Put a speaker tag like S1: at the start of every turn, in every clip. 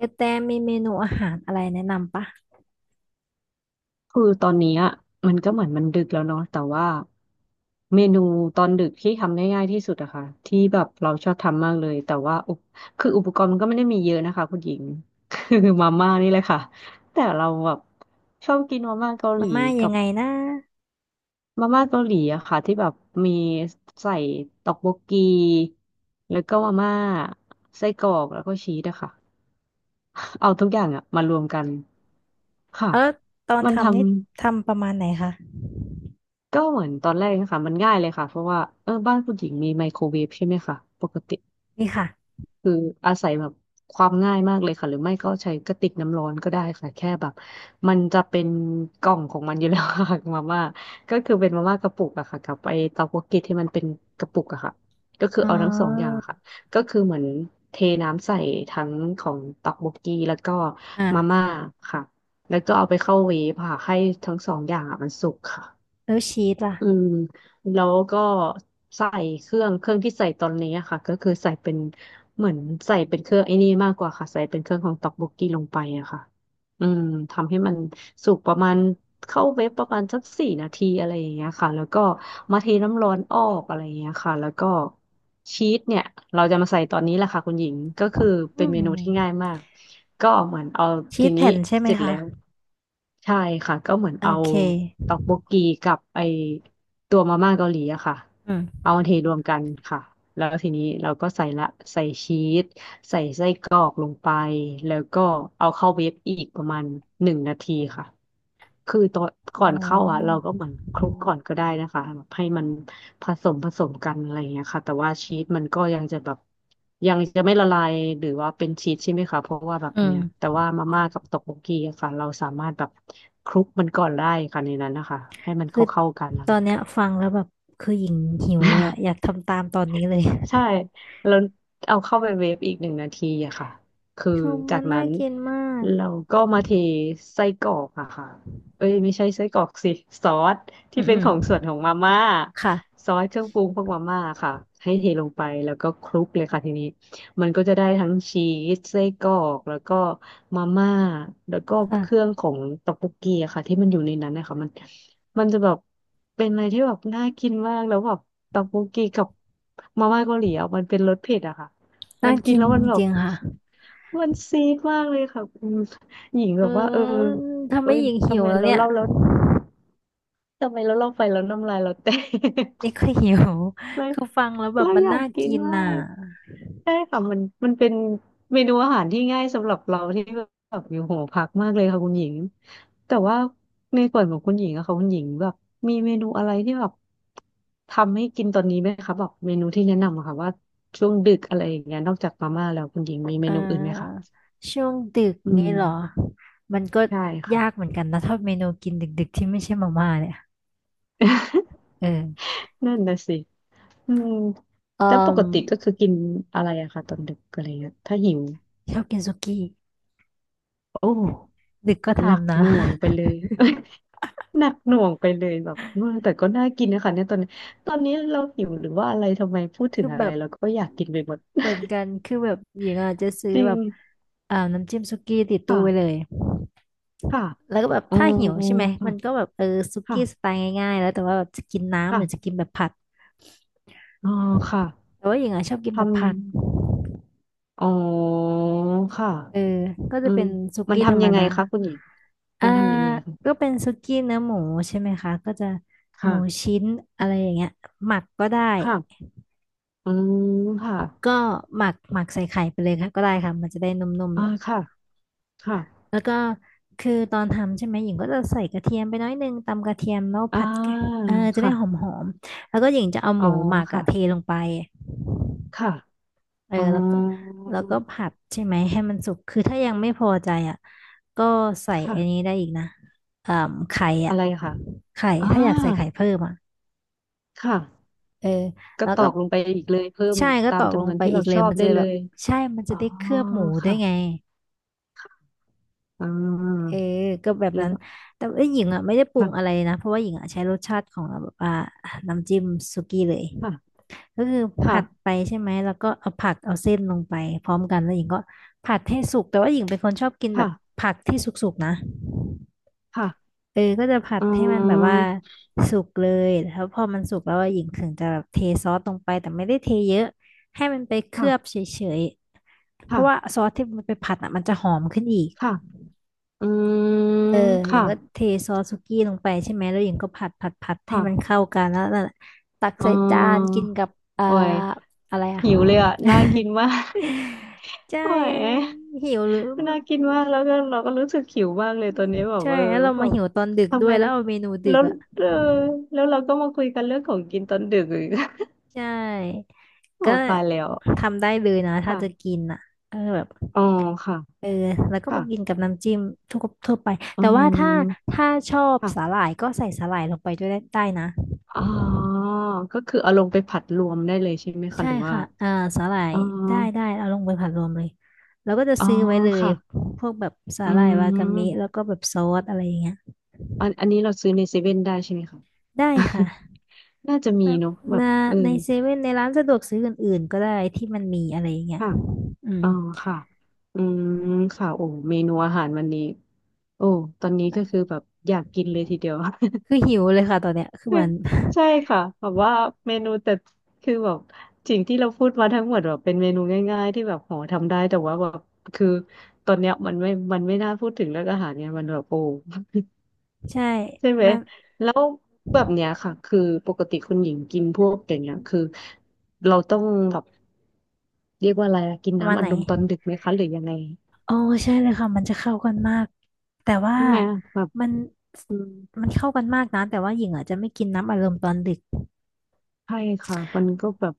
S1: กระแตมีเมนูอาหารอะไรแนะนำปะ
S2: คือตอนนี้อะมันก็เหมือนมันดึกแล้วเนาะแต่ว่าเมนูตอนดึกที่ทำได้ง่ายที่สุดอะค่ะที่แบบเราชอบทำมากเลยแต่ว่าคืออุปกรณ์มันก็ไม่ได้มีเยอะนะคะคุณหญิงคือมาม่านี่แหละค่ะแต่เราแบบชอบกินมาม่าเกาห
S1: มา
S2: ลี
S1: ม่า
S2: กั
S1: ยัง
S2: บ
S1: ไงนะ
S2: มาม่าเกาหลีอะค่ะที่แบบมีใส่ต็อกโบกกีแล้วก็มาม่าไส้กรอกแล้วก็ชีสอะค่ะเอาทุกอย่างอะมารวมกันค่ะ
S1: เออตอน
S2: มันทำ
S1: ทำนี่ทำประมาณไหนคะ
S2: ก็เหมือนตอนแรกนะคะมันง่ายเลยค่ะเพราะว่าเออบ้านผู้หญิงมีไมโครเวฟใช่ไหมคะปกติ
S1: นี่ค่ะ
S2: คืออาศัยแบบความง่ายมากเลยค่ะหรือไม่ก็ใช้กระติกน้ำร้อนก็ได้ค่ะแค่แบบมันจะเป็นกล่องของมันอยู่แล้วค่ะ มาม่าก็คือเป็นมาม่ากระปุกอะค่ะกับไอเตาโกกิที่มันเป็นกระปุกอะค่ะก็คือ
S1: อ๋
S2: เอาทั้งสองอย่า
S1: อ
S2: งอะค่ะก็คือเหมือนเทน้ำใส่ทั้งของเตักโบกกีแล้วก็
S1: อ่ะ
S2: มาม่าค่ะแล้วก็เอาไปเข้าเวฟค่ะให้ทั้งสองอย่างอะมันสุกค่ะ
S1: แล้วชีสล่ะ
S2: อืมแล้วก็ใส่เครื่องที่ใส่ตอนนี้อะค่ะก็คือใส่เป็นเหมือนใส่เป็นเครื่องไอ้นี่มากกว่าค่ะใส่เป็นเครื่องของต็อกโบกกี้ลงไปอะค่ะอืมทำให้มันสุกประมาณเข้าเวฟประมาณสัก4 นาทีอะไรอย่างเงี้ยค่ะแล้วก็มาเทน้ำร้อนออกอะไรอย่างเงี้ยค่ะแล้วก็ชีสเนี่ยเราจะมาใส่ตอนนี้แหละค่ะคุณหญิงก็คือ
S1: อื
S2: เป็นเมนูที่ง่า
S1: ม
S2: ยมากก็เหมือนเอา
S1: ชี
S2: ที
S1: ส
S2: นี้
S1: แผ่นใช่ไหม
S2: เสร็จ
S1: คะ
S2: แล้ว ใช่ค่ะก็เหมือน
S1: โอ
S2: เอา
S1: เค
S2: ตอกโบกีกับไอตัวมาม่าเกาหลีอะค่ะ
S1: อืม
S2: เอามาเทรวมกันค่ะแล้วทีนี้เราก็ใส่ละใส่ชีสใส่ไส้กรอกลงไปแล้วก็เอาเข้าเวฟอีกประมาณหนึ่งนาทีค่ะ คือตอนก่อ
S1: โอ้
S2: นเข้าอ่ะเราก็เหมือนคลุกก่อนก็ได้นะคะแบบให้มันผสมกันอะไรอย่างเงี้ยค่ะแต่ว่าชีสมันก็ยังจะแบบยังจะไม่ละลายหรือว่าเป็นชีสใช่ไหมคะเพราะว่าแบบ
S1: อื
S2: เนี้ย
S1: ม
S2: แต่ว่ามาม่ากับตอกโบกีอะค่ะเราสามารถแบบคลุกมันก่อนได้ค่ะในนั้นนะคะให้มัน
S1: คือ
S2: เข้ากันนะ
S1: ตอ
S2: คะ
S1: นเนี้ยฟังแล้วแบบคือหญิงหิวเลยอะอยากทำตามตอนนี้เลย
S2: ใช่แล้วเอาเข้าไปเวฟอีกหนึ่งนาทีอะค่ะคือ
S1: ชื
S2: จา
S1: มั
S2: ก
S1: น
S2: นั้
S1: น่า
S2: น
S1: กินมาก
S2: เราก็มาเทไส้กรอกอะค่ะเอ้ยไม่ใช่ไส้กรอกสิซอส
S1: อื
S2: ที่
S1: ม
S2: เป็
S1: อื
S2: น
S1: ม
S2: ของส่วนของมาม่า
S1: ค่ะ
S2: ซอสเครื่องปรุงพวกมาม่าค่ะให้เทลงไปแล้วก็คลุกเลยค่ะทีนี้มันก็จะได้ทั้งชีสไส้กรอกแล้วก็มาม่าแล้วก็เครื่อง
S1: ค่ะ
S2: ของต๊อกโบกกีอะค่ะที่มันอยู่ในนั้นนะคะมันจะแบบเป็นอะไรที่แบบน่ากินมากแล้วแบบต๊อกโบกกีกับมาม่าเกาหลีอะมันเป็นรสเผ็ดอะค่ะ มั
S1: น่า
S2: นกิน
S1: กิน
S2: แล้ว
S1: จ
S2: มันแบบ
S1: ริงๆค่ะ
S2: มันซีดมากเลยค่ะคหญิงแบ
S1: อื
S2: บว่าเออ
S1: มทำ
S2: เอ้
S1: ให้
S2: ย
S1: หญิง
S2: ทำ
S1: หิว
S2: ไม
S1: แล้ว
S2: เรา
S1: เนี่ย
S2: เล่าแล้วทำไมเราเล่าไปแล้วน้ำลายเราแตก
S1: นี่ก็หิว
S2: เล ย
S1: คือฟังแล้วแบบ
S2: เรา
S1: มัน
S2: อยาก
S1: น่า
S2: กิน
S1: กิน
S2: มา
S1: น่ะ
S2: กใช่ค่ะมันเป็นเมนูอาหารที่ง่ายสำหรับเราที่แบบอยู่หอพักมากเลยค่ะคุณหญิงแต่ว่าในส่วนของคุณหญิงอะค่ะคุณหญิงแบบมีเมนูอะไรที่แบบทำให้กินตอนนี้ไหมคะแบบเมนูที่แนะนำอะค่ะว่าช่วงดึกอะไรอย่างเงี้ยนอกจากมาม่าแล้วคุณหญิงมี
S1: เ
S2: เมนูอื่นไหมคะ
S1: ออช่วงดึก
S2: อื
S1: งี้
S2: ม
S1: เหรอ มันก็
S2: ใช่ค่ะ
S1: ยากเหมือนกันนะถ้าเมนูกินดึกๆที่ไม่ใช่มาม่าเนี่ย เออ
S2: นั่นนะสิอืม
S1: เอ
S2: แล้วปก
S1: อ
S2: ติก็คือกินอะไรอะคะตอนดึกอะไรเงี้ยถ้าหิว
S1: ชอบกินสุกี้
S2: โอ้
S1: ดึกก็
S2: หนัก
S1: ทำนะ
S2: หน่วงไปเลย หนักหน่วงไปเลยแบบเออแต่ก็น่ากินนะคะเนี่ยตอนนี้ตอนนี้เราหิวหรือว่าอะไรทำไมพูด ถึ
S1: คื
S2: ง
S1: อ
S2: อะ
S1: แบ
S2: ไร
S1: บ
S2: เราก็อยากกินไปหมด
S1: เหมือนกันคือแบบหญิงอาจจะ ซื้อ
S2: จริ
S1: แบ
S2: ง
S1: บอ่าน้ำจิ้มสุกี้ติดตู้ไว้เล
S2: ค่ะ
S1: ย
S2: ค่ะ
S1: แล้วก็แบบ
S2: อ๋อ
S1: ถ้าหิวใช่ไหม
S2: ค่ะ
S1: มันก็แบบเออสุ
S2: ค่ะ
S1: กี้สไตล์ง่ายๆแล้วแต่ว่าแบบจะกินน้ำหรือจะกิ
S2: ค่ะ
S1: นแบบผัด
S2: อ๋อค่ะ
S1: แต่ว่าหญิงอ่ะชอบกินแบบผัด
S2: ทำอ๋อค่ะ
S1: เออก็
S2: อื
S1: จะ
S2: ม
S1: เป็นสุ
S2: มัน
S1: กี้ธร
S2: ทำ
S1: รม
S2: ยังไง
S1: ดา
S2: คะคุณหญิง
S1: อ่า
S2: มันทำยังไงคะ
S1: ก็เป็นสุกี้เนื้อหมูใช่ไหมคะก็จะหมู
S2: ค่ะ
S1: ชิ้นอะไรอย่างเงี้ยหมักก็ได้
S2: ค่ะอืมค่ะ
S1: ก็หมักหมักใส่ไข่ไปเลยค่ะก็ได้ค่ะมันจะได้นุ่มๆ
S2: อ่า
S1: แล้ว
S2: ค่ะค่ะ
S1: แล้วก็คือตอนทำใช่ไหมหญิงก็จะใส่กระเทียมไปน้อยนึงตำกระเทียมแล้ว
S2: อ่
S1: ผัดไก่
S2: า
S1: เออจะได้ห
S2: ค่ะ
S1: อมๆแล้วก็หญิงจะเอา
S2: อ๋
S1: ห
S2: อ
S1: มูหมักอะ
S2: ค่ะ
S1: เทลงไป
S2: ค่ะ
S1: เออ
S2: อ๋อ
S1: แล้วก็แล้วก็ผัดใช่ไหมให้มันสุกคือถ้ายังไม่พอใจอ่ะก็ใส่อันนี้
S2: ค่ะ
S1: ได้อีกนะอ่าไข่อ่ะ
S2: อะไรค่ะ
S1: ไข่
S2: อ่า
S1: ถ้าอยากใส่ไข่เพิ่มอ่ะ
S2: ค่ะ
S1: เออ
S2: ก็
S1: แล้ว
S2: ตอ
S1: ก็
S2: กลงไปอีกเลยเพิ่ม
S1: ใช่ก็
S2: ตา
S1: ต
S2: ม
S1: อกล
S2: จำน
S1: ง
S2: วน
S1: ไป
S2: ที่
S1: อี
S2: เรา
S1: กเล
S2: ช
S1: ย
S2: อบ
S1: มันจะ
S2: ได้เล
S1: แบบ
S2: ย
S1: ใช่มัน
S2: อ๋
S1: จะ
S2: อ
S1: ได้เคลือบหมูด้วย
S2: ค่ะ
S1: ไง
S2: อ่า
S1: เออก็แบบ
S2: แล้
S1: นั้น
S2: ว
S1: แต่ว่าหญิงอ่ะไม่ได้ปรุงอะไร
S2: ค่ะ
S1: นะเพราะว่าหญิงอ่ะใช้รสชาติของแบบว่าน้ำจิ้มสุกี้เลย
S2: ค่ะ
S1: ก็คือ
S2: ค่ะ
S1: ผัดไปใช่ไหมแล้วก็เอาผักเอาเส้นลงไปพร้อมกันแล้วหญิงก็ผัดให้สุกแต่ว่าหญิงเป็นคนชอบกินแบบ
S2: ค่ะ
S1: ผักที่สุกๆนะ
S2: ค่ะ
S1: เออก็จะผัด
S2: อื
S1: ให้มันแบบว่า
S2: ม
S1: สุกเลยแล้วพอมันสุกแล้วอะหญิงถึงจะแบบเทซอสลงไปแต่ไม่ได้เทเยอะให้มันไปเคลื
S2: ค่ะ
S1: อบเฉยๆเพราะว่า
S2: ค่ะ
S1: ซอสที่มันไปผัดอ่ะมันจะหอมขึ้นอีก
S2: ค่ะอืม
S1: เออหญิ
S2: ค่ะ
S1: งก็เทซอสสุกี้ลงไปใช่ไหมแล้วหญิงก็ผัดให้มัน
S2: ค่ะ
S1: เข้ากันแล้วนั่นแหละตัก
S2: อ๋อ
S1: ใส่จานกินกับอ่า
S2: โอ้ย
S1: อะไรอ่ะ
S2: หิวเลยอ่ะน่ากินมาก
S1: ใช
S2: โอ้ย
S1: ่หิวหรือมัน
S2: น่ากินมากแล้วก็เราก็รู้สึกหิวมากเลยตอนนี้แบบ
S1: ใช่
S2: เออ
S1: แล้วเรา
S2: แบ
S1: มา
S2: บ
S1: หิวตอนดึก
S2: ทำ
S1: ด้ว
S2: ไม
S1: ยแล้วเอาเมนูดึ
S2: แล้
S1: ก
S2: ว
S1: อ่ะ
S2: เออแล้วเราก็มาคุยกันเรื่องของกินตอนดึกอีก
S1: ใช่
S2: โอ้
S1: ก็
S2: ตายแล้ว
S1: ทำได้เลยนะถ้าจะ
S2: ค่ะ
S1: กินอ่ะก็แบบ
S2: อ๋อค่ะ
S1: เออแล้วก็
S2: ค่ะ
S1: มากินกับน้ำจิ้มทั่วทั่วไป
S2: อื
S1: แต่ว่าถ้า
S2: ม
S1: ถ้าชอบสา
S2: ค่ะ
S1: หร่ายก็ใส่สาหร่ายลงไปด้วยได้ได้นะ
S2: อ๋อก็คือเอาลงไปผัดรวมได้เลยใช่ไหมคะ
S1: ใช่
S2: หรือว่า
S1: ค่ะอ่าสาหร่าย
S2: อ๋อ
S1: ได้ได้เอาลงไปผัดรวมเลยแล้วก็จะ
S2: อ๋อ
S1: ซื้อไว้เลย
S2: ค่ะ
S1: พวกแบบสา
S2: อื
S1: หร่ายวากามิแล้ว
S2: ม
S1: ก็แบบซอสอะไรอย่างเงี้ย
S2: อันอันนี้เราซื้อในเซเว่นได้ใช่ไหมคะ
S1: ได้ค่ะ
S2: น่าจะมี
S1: แบบ
S2: เนอะแบบ
S1: มา
S2: เออ
S1: ในเซเว่นในร้านสะดวกซื้ออื่นๆก็ได้ที่มันมีอะไรอย่างเงี้ย
S2: ค่ะ
S1: อืม
S2: อ๋อค่ะ อืมค่ะโอ้เมนูอาหารวันนี้โอ้ตอนนี้ก็คือแบบอยากกินเลยทีเดียว
S1: คือหิวเลยค่ะตอนเนี้ยคือมัน
S2: ใช่ค่ะแบบว่าเมนูแต่คือแบบสิ่งที่เราพูดมาทั้งหมดแบบเป็นเมนูง่ายๆที่แบบโหทำได้แต่ว่าแบบคือตอนเนี้ยมันไม่น่าพูดถึงเรื่องอาหารเนี่ยมันแบบโอ้
S1: ใช่
S2: ใช่ไหม
S1: มัน
S2: แล้วแบบเนี้ยค่ะคือปกติคุณหญิงกินพวกอย่างเงี้ยคือเราต้องแบบเรียกว่าอะไรอะกิน
S1: ประมา
S2: น้ำ
S1: ณ
S2: อั
S1: ไห
S2: ด
S1: น
S2: ลมตอนดึกไหมคะหรือยังไง
S1: โอ้ใช่เลยค่ะมันจะเข้ากันมากแต่ว่า
S2: ใช่ไหมแบบ
S1: มัน
S2: อืม
S1: มันเข้ากันมากนะแต่ว่าหญิงอาจจะไม่กินน้ำอารมณ์ตอนดึก
S2: ใช่ค่ะมันก็แบบ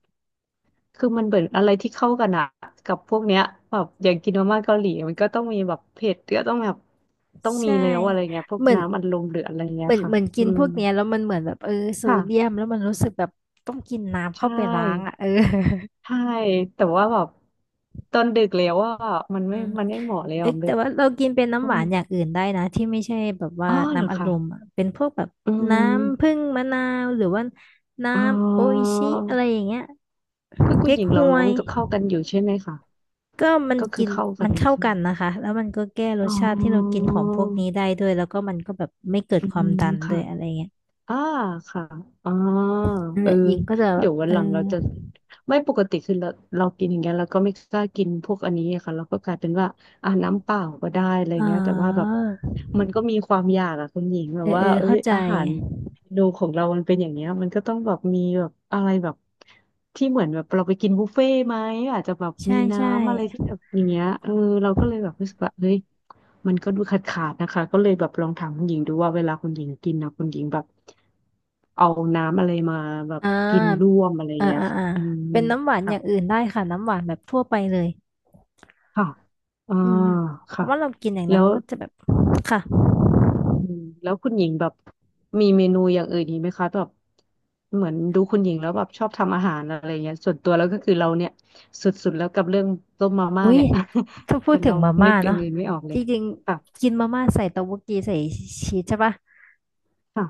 S2: คือมันเหมือนอะไรที่เข้ากันอะกับพวกเนี้ยแบบอย่างกินมาม่าเกาหลี มันก็ต้องมีแบบเผ็ดก็ต้องแบบต้องมี
S1: ใช่
S2: แล้วอะไรเงี้ยพวก
S1: เหมือน
S2: น้ำอัดลมหรืออะไรเงี้
S1: เห
S2: ย
S1: มือน
S2: ค่ะ
S1: เหมือนกิ
S2: อื
S1: นพ
S2: ม
S1: วกเนี้ยแล้วมันเหมือนแบบเออโซเดียม
S2: ค่ะ
S1: แล้วมันรู้สึกแบบต้องกินน้ำ
S2: ใช
S1: เข้าไปล้าง
S2: ่
S1: อ่ะเออ
S2: ใช่ แต่ว่าแบบตอนดึกแล้วอ่ะมัน
S1: อื
S2: ไม่
S1: ม
S2: มันไม่เหมาะเลยอ่ะ
S1: เอ๊ะแต่ว่าเรากินเป็น
S2: อื
S1: น้ำหวา
S2: ม
S1: นอย่างอื่นได้นะที่ไม่ใช่แบบว่า
S2: อ๋อเหรอ
S1: น้ำอัดล
S2: คะ
S1: มอะเป็นพวกแบบ
S2: อื
S1: น้ำผึ้
S2: ม
S1: งมะนาวหรือว่าน้
S2: อ๋
S1: ำโออิ
S2: อ
S1: ชิอะไรอย่างเงี้ย
S2: คือคุณ
S1: เก๊
S2: ห
S1: ก
S2: ญิง
S1: ฮ
S2: เรา
S1: ว
S2: ร้อ
S1: ย
S2: งก็เข้ากันอยู่ใช่ไหมคะ
S1: ก็มัน
S2: ก็คื
S1: กิ
S2: อ
S1: น
S2: เข้ากั
S1: มั
S2: น
S1: น
S2: อยู่
S1: เข้า
S2: ใช่ไห
S1: กั
S2: ม
S1: นนะคะแล้วมันก็แก้ร
S2: อ๋
S1: สชาติที่เรากิ
S2: อ
S1: นของพวกนี้ได้ด้วยแล้วก็มันก็แบบไม่เกิด
S2: อื
S1: ความ
S2: ม
S1: ดันด้ว
S2: ค่ะ
S1: ยอะไรเงี้ย
S2: อ่าค่ะอ๋อ
S1: นั่น
S2: เอ
S1: แห
S2: อ
S1: ละหญิงก็จะแบ
S2: เดี๋
S1: บ
S2: ยววัน
S1: เอ
S2: ห
S1: อ
S2: ลังเราจะไม่ปกติคือเรากินอย่างเงี้ยเราก็ไม่กล้ากินพวกอันนี้อะค่ะเราก็กลายเป็นว่าอ่าน้ำเปล่าก็ได้อะไร
S1: อ๋
S2: เงี้ยแต่ว่าแบบ
S1: อ
S2: มันก็มีความอยากอะคุณหญิงแบ
S1: เอ
S2: บ
S1: อ
S2: ว่า
S1: เออ
S2: เอ้ย
S1: เข้าใจ
S2: อาหาร นูของเรามันเป็นอย่างเงี้ยมันก็ต้องแบบมีแบบอะไรแบบที่เหมือนแบบเราไปกินบุฟเฟ่ต์ไหมอาจจะแบบ
S1: ใช่
S2: มี
S1: ใช่
S2: น้ำอะไรที่แบบอย่างเงี้ยเออเราก็เลยแบบรู้สึกว่าเฮ้ยมันก็ดูขาดนะคะก็เลยแบบลองถามคุณหญิงดูว่าเวลาคุณหญิงกินนะคุณหญิงแบบเอาน้ำอะไรมาแบบ
S1: อ่
S2: กินร่
S1: า
S2: วมอะไร
S1: อ่า
S2: เงี้ย
S1: อ่า
S2: ค่ะ
S1: อ่า
S2: อืม
S1: เป็นน้ำหวานอ
S2: ค่ะ
S1: ย่างอื่นได้ค่ะน้ำหวานแบบทั่วไปเลย
S2: ค่ะอ่า
S1: อืมเพ
S2: ค่ะ
S1: ราะว่าเรากินอย่างนั้
S2: แล้
S1: น
S2: ว
S1: มันก็จะแบบค่ะ
S2: อืมแล้วคุณหญิงแบบมีเมนูอย่างอื่นอีกไหมคะแบบเหมือนดูคุณหญิงแล้วแบบชอบทำอาหารอะไรเงี้ยส่วนตัวแล้วก็คือเราเนี่ยสุดๆแล้วกับเรื่องต้มมาม่า
S1: อุ้ย
S2: เนี่ย
S1: ถ้า พู
S2: แต่
S1: ดถึ
S2: เรา
S1: งมา
S2: นึ
S1: ม่า
S2: กอย่า
S1: เนาะ
S2: งอื่นไม่ออกเล
S1: จ
S2: ย
S1: ริง
S2: ค่ะ
S1: ๆกินมาม่าใส่เต้าหู้กีใส่ชีสใช่ปะ
S2: ค่ะ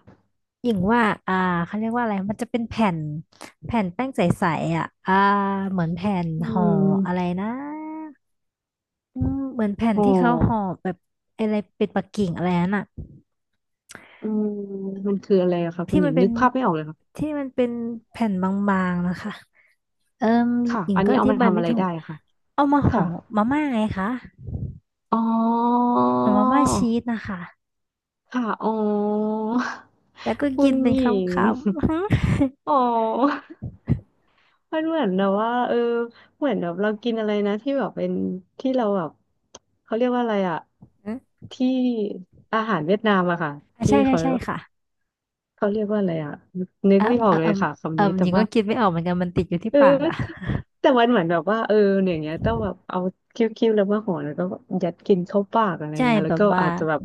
S1: หญิงว่าอ่าเขาเรียกว่าอะไร มันจะเป็นแผ่นแผ่นแป้งใสๆอ่ะอ่า เหมือนแผ่น
S2: อื
S1: ห่ออะไร
S2: ม
S1: นะอืมเหมือนแผ่น
S2: ห่อ
S1: ที่เขาห่อแบบอะไรเป็ดปักกิ่งอะไรนั่นอ่ะ
S2: อืมมันคืออะไรอะคะคุ
S1: ที่
S2: ณห
S1: มั
S2: ญิ
S1: น
S2: ง
S1: เป็
S2: นึ
S1: น
S2: กภาพไม่ออกเลยค่ะ
S1: ที่มันเป็นแผ่นบางๆนะคะเอิ่ม
S2: ค่ะ
S1: หญิง
S2: อัน
S1: ก็
S2: นี้
S1: อ
S2: เอา
S1: ธิ
S2: มา
S1: บาย
S2: ทำ
S1: ไม่
S2: อะไร
S1: ถู
S2: ได้
S1: ก
S2: ค่ะ
S1: เอามาห่อ
S2: ค่ะ
S1: มาม่าไงคะ
S2: อ๋อ
S1: อ๋อมาม่าชีสนะคะ
S2: ค่ะอ๋อ
S1: แล้วก็
S2: คุ
S1: กิน
S2: ณ
S1: เป็
S2: ห
S1: น
S2: ญิ
S1: ค
S2: ง
S1: ำๆ
S2: อ๋อ มันเหมือนแบบว่าเออเหมือนแบบเรากินอะไรนะที่แบบเป็นที่เราแบบเขาเรียกว่าอะไรอะ
S1: อืม
S2: ที่อาหารเวียดนามอะค่ะ
S1: อ่ะ
S2: ที่
S1: ใช่ใช่
S2: เขา
S1: ใช่ค่ะ
S2: เขาเรียกว่าอะไรอะนึ
S1: เอ
S2: ก
S1: อ
S2: ไม่ออ
S1: เอ
S2: ก
S1: อ
S2: เล
S1: เอ
S2: ย
S1: ม
S2: ค่ะ
S1: เอ
S2: คำนี้
S1: มห
S2: แต่
S1: ญิง
S2: ว่า
S1: ก็กินไม่ออกเหมือนกันมันติดอยู่ที่
S2: เอ
S1: ปากอ่ะ
S2: อแต่มันเหมือนแบบว่าเนี่ยอย่างเงี้ยต้องแบบเอาคิ้วๆแล้วมาห่อแล้วก็ยัดกินเข้าปากอะไร
S1: ใช่
S2: เงี้ย
S1: แบ
S2: แล้ว
S1: บ
S2: ก็
S1: ว่า
S2: อาจจะแบบ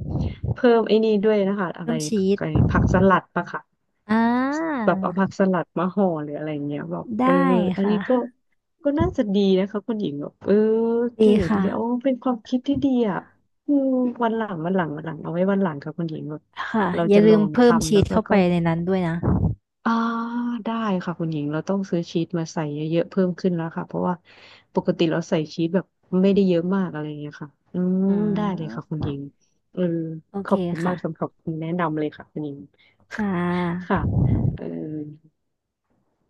S2: เพิ่มไอ้นี่ด้วยนะคะอะ
S1: เพิ่
S2: ไร
S1: มชีส
S2: ไอ้ผักสลัดปะค่ะ
S1: อ่า
S2: แบบเอาผักสลัดมาห่อหรืออะไรเงี้ยแบบเออ
S1: ได้
S2: อัน
S1: ค่ะ
S2: นี้ก็ก็น่าจะดีนะคะคุณหญิงแบบเออ
S1: ดี
S2: เก๋ดี
S1: ค่ะ
S2: เอาเป็นความคิดที่ดีอ่ะอืมวันหลังเอาไว้วันหลังค่ะคุณหญิงแบบ
S1: ค่ะ
S2: เรา
S1: อย่า
S2: จะล
S1: ลื
S2: อ
S1: ม
S2: ง
S1: เพิ่ม
S2: ทำ
S1: ชี
S2: แล้ว
S1: สเข้า
S2: ก็
S1: ไปในนั้นด้วยนะ
S2: อ่าได้ค่ะคุณหญิงเราต้องซื้อชีสมาใส่เยอะๆเพิ่มขึ้นแล้วค่ะเพราะว่าปกติเราใส่ชีสแบบไม่ได้เยอะมากอะไรอย่างเงี้ยค่ะอืม
S1: อื
S2: ได้เลยค่ะคุ
S1: ม
S2: ณหญิงเออ
S1: โอ
S2: ข
S1: เค
S2: อบคุณมา
S1: ค่ะ
S2: กสำหรับคำแนะนำเลยค่ะคุณหญิง
S1: ค่ะ
S2: ค่ะเออ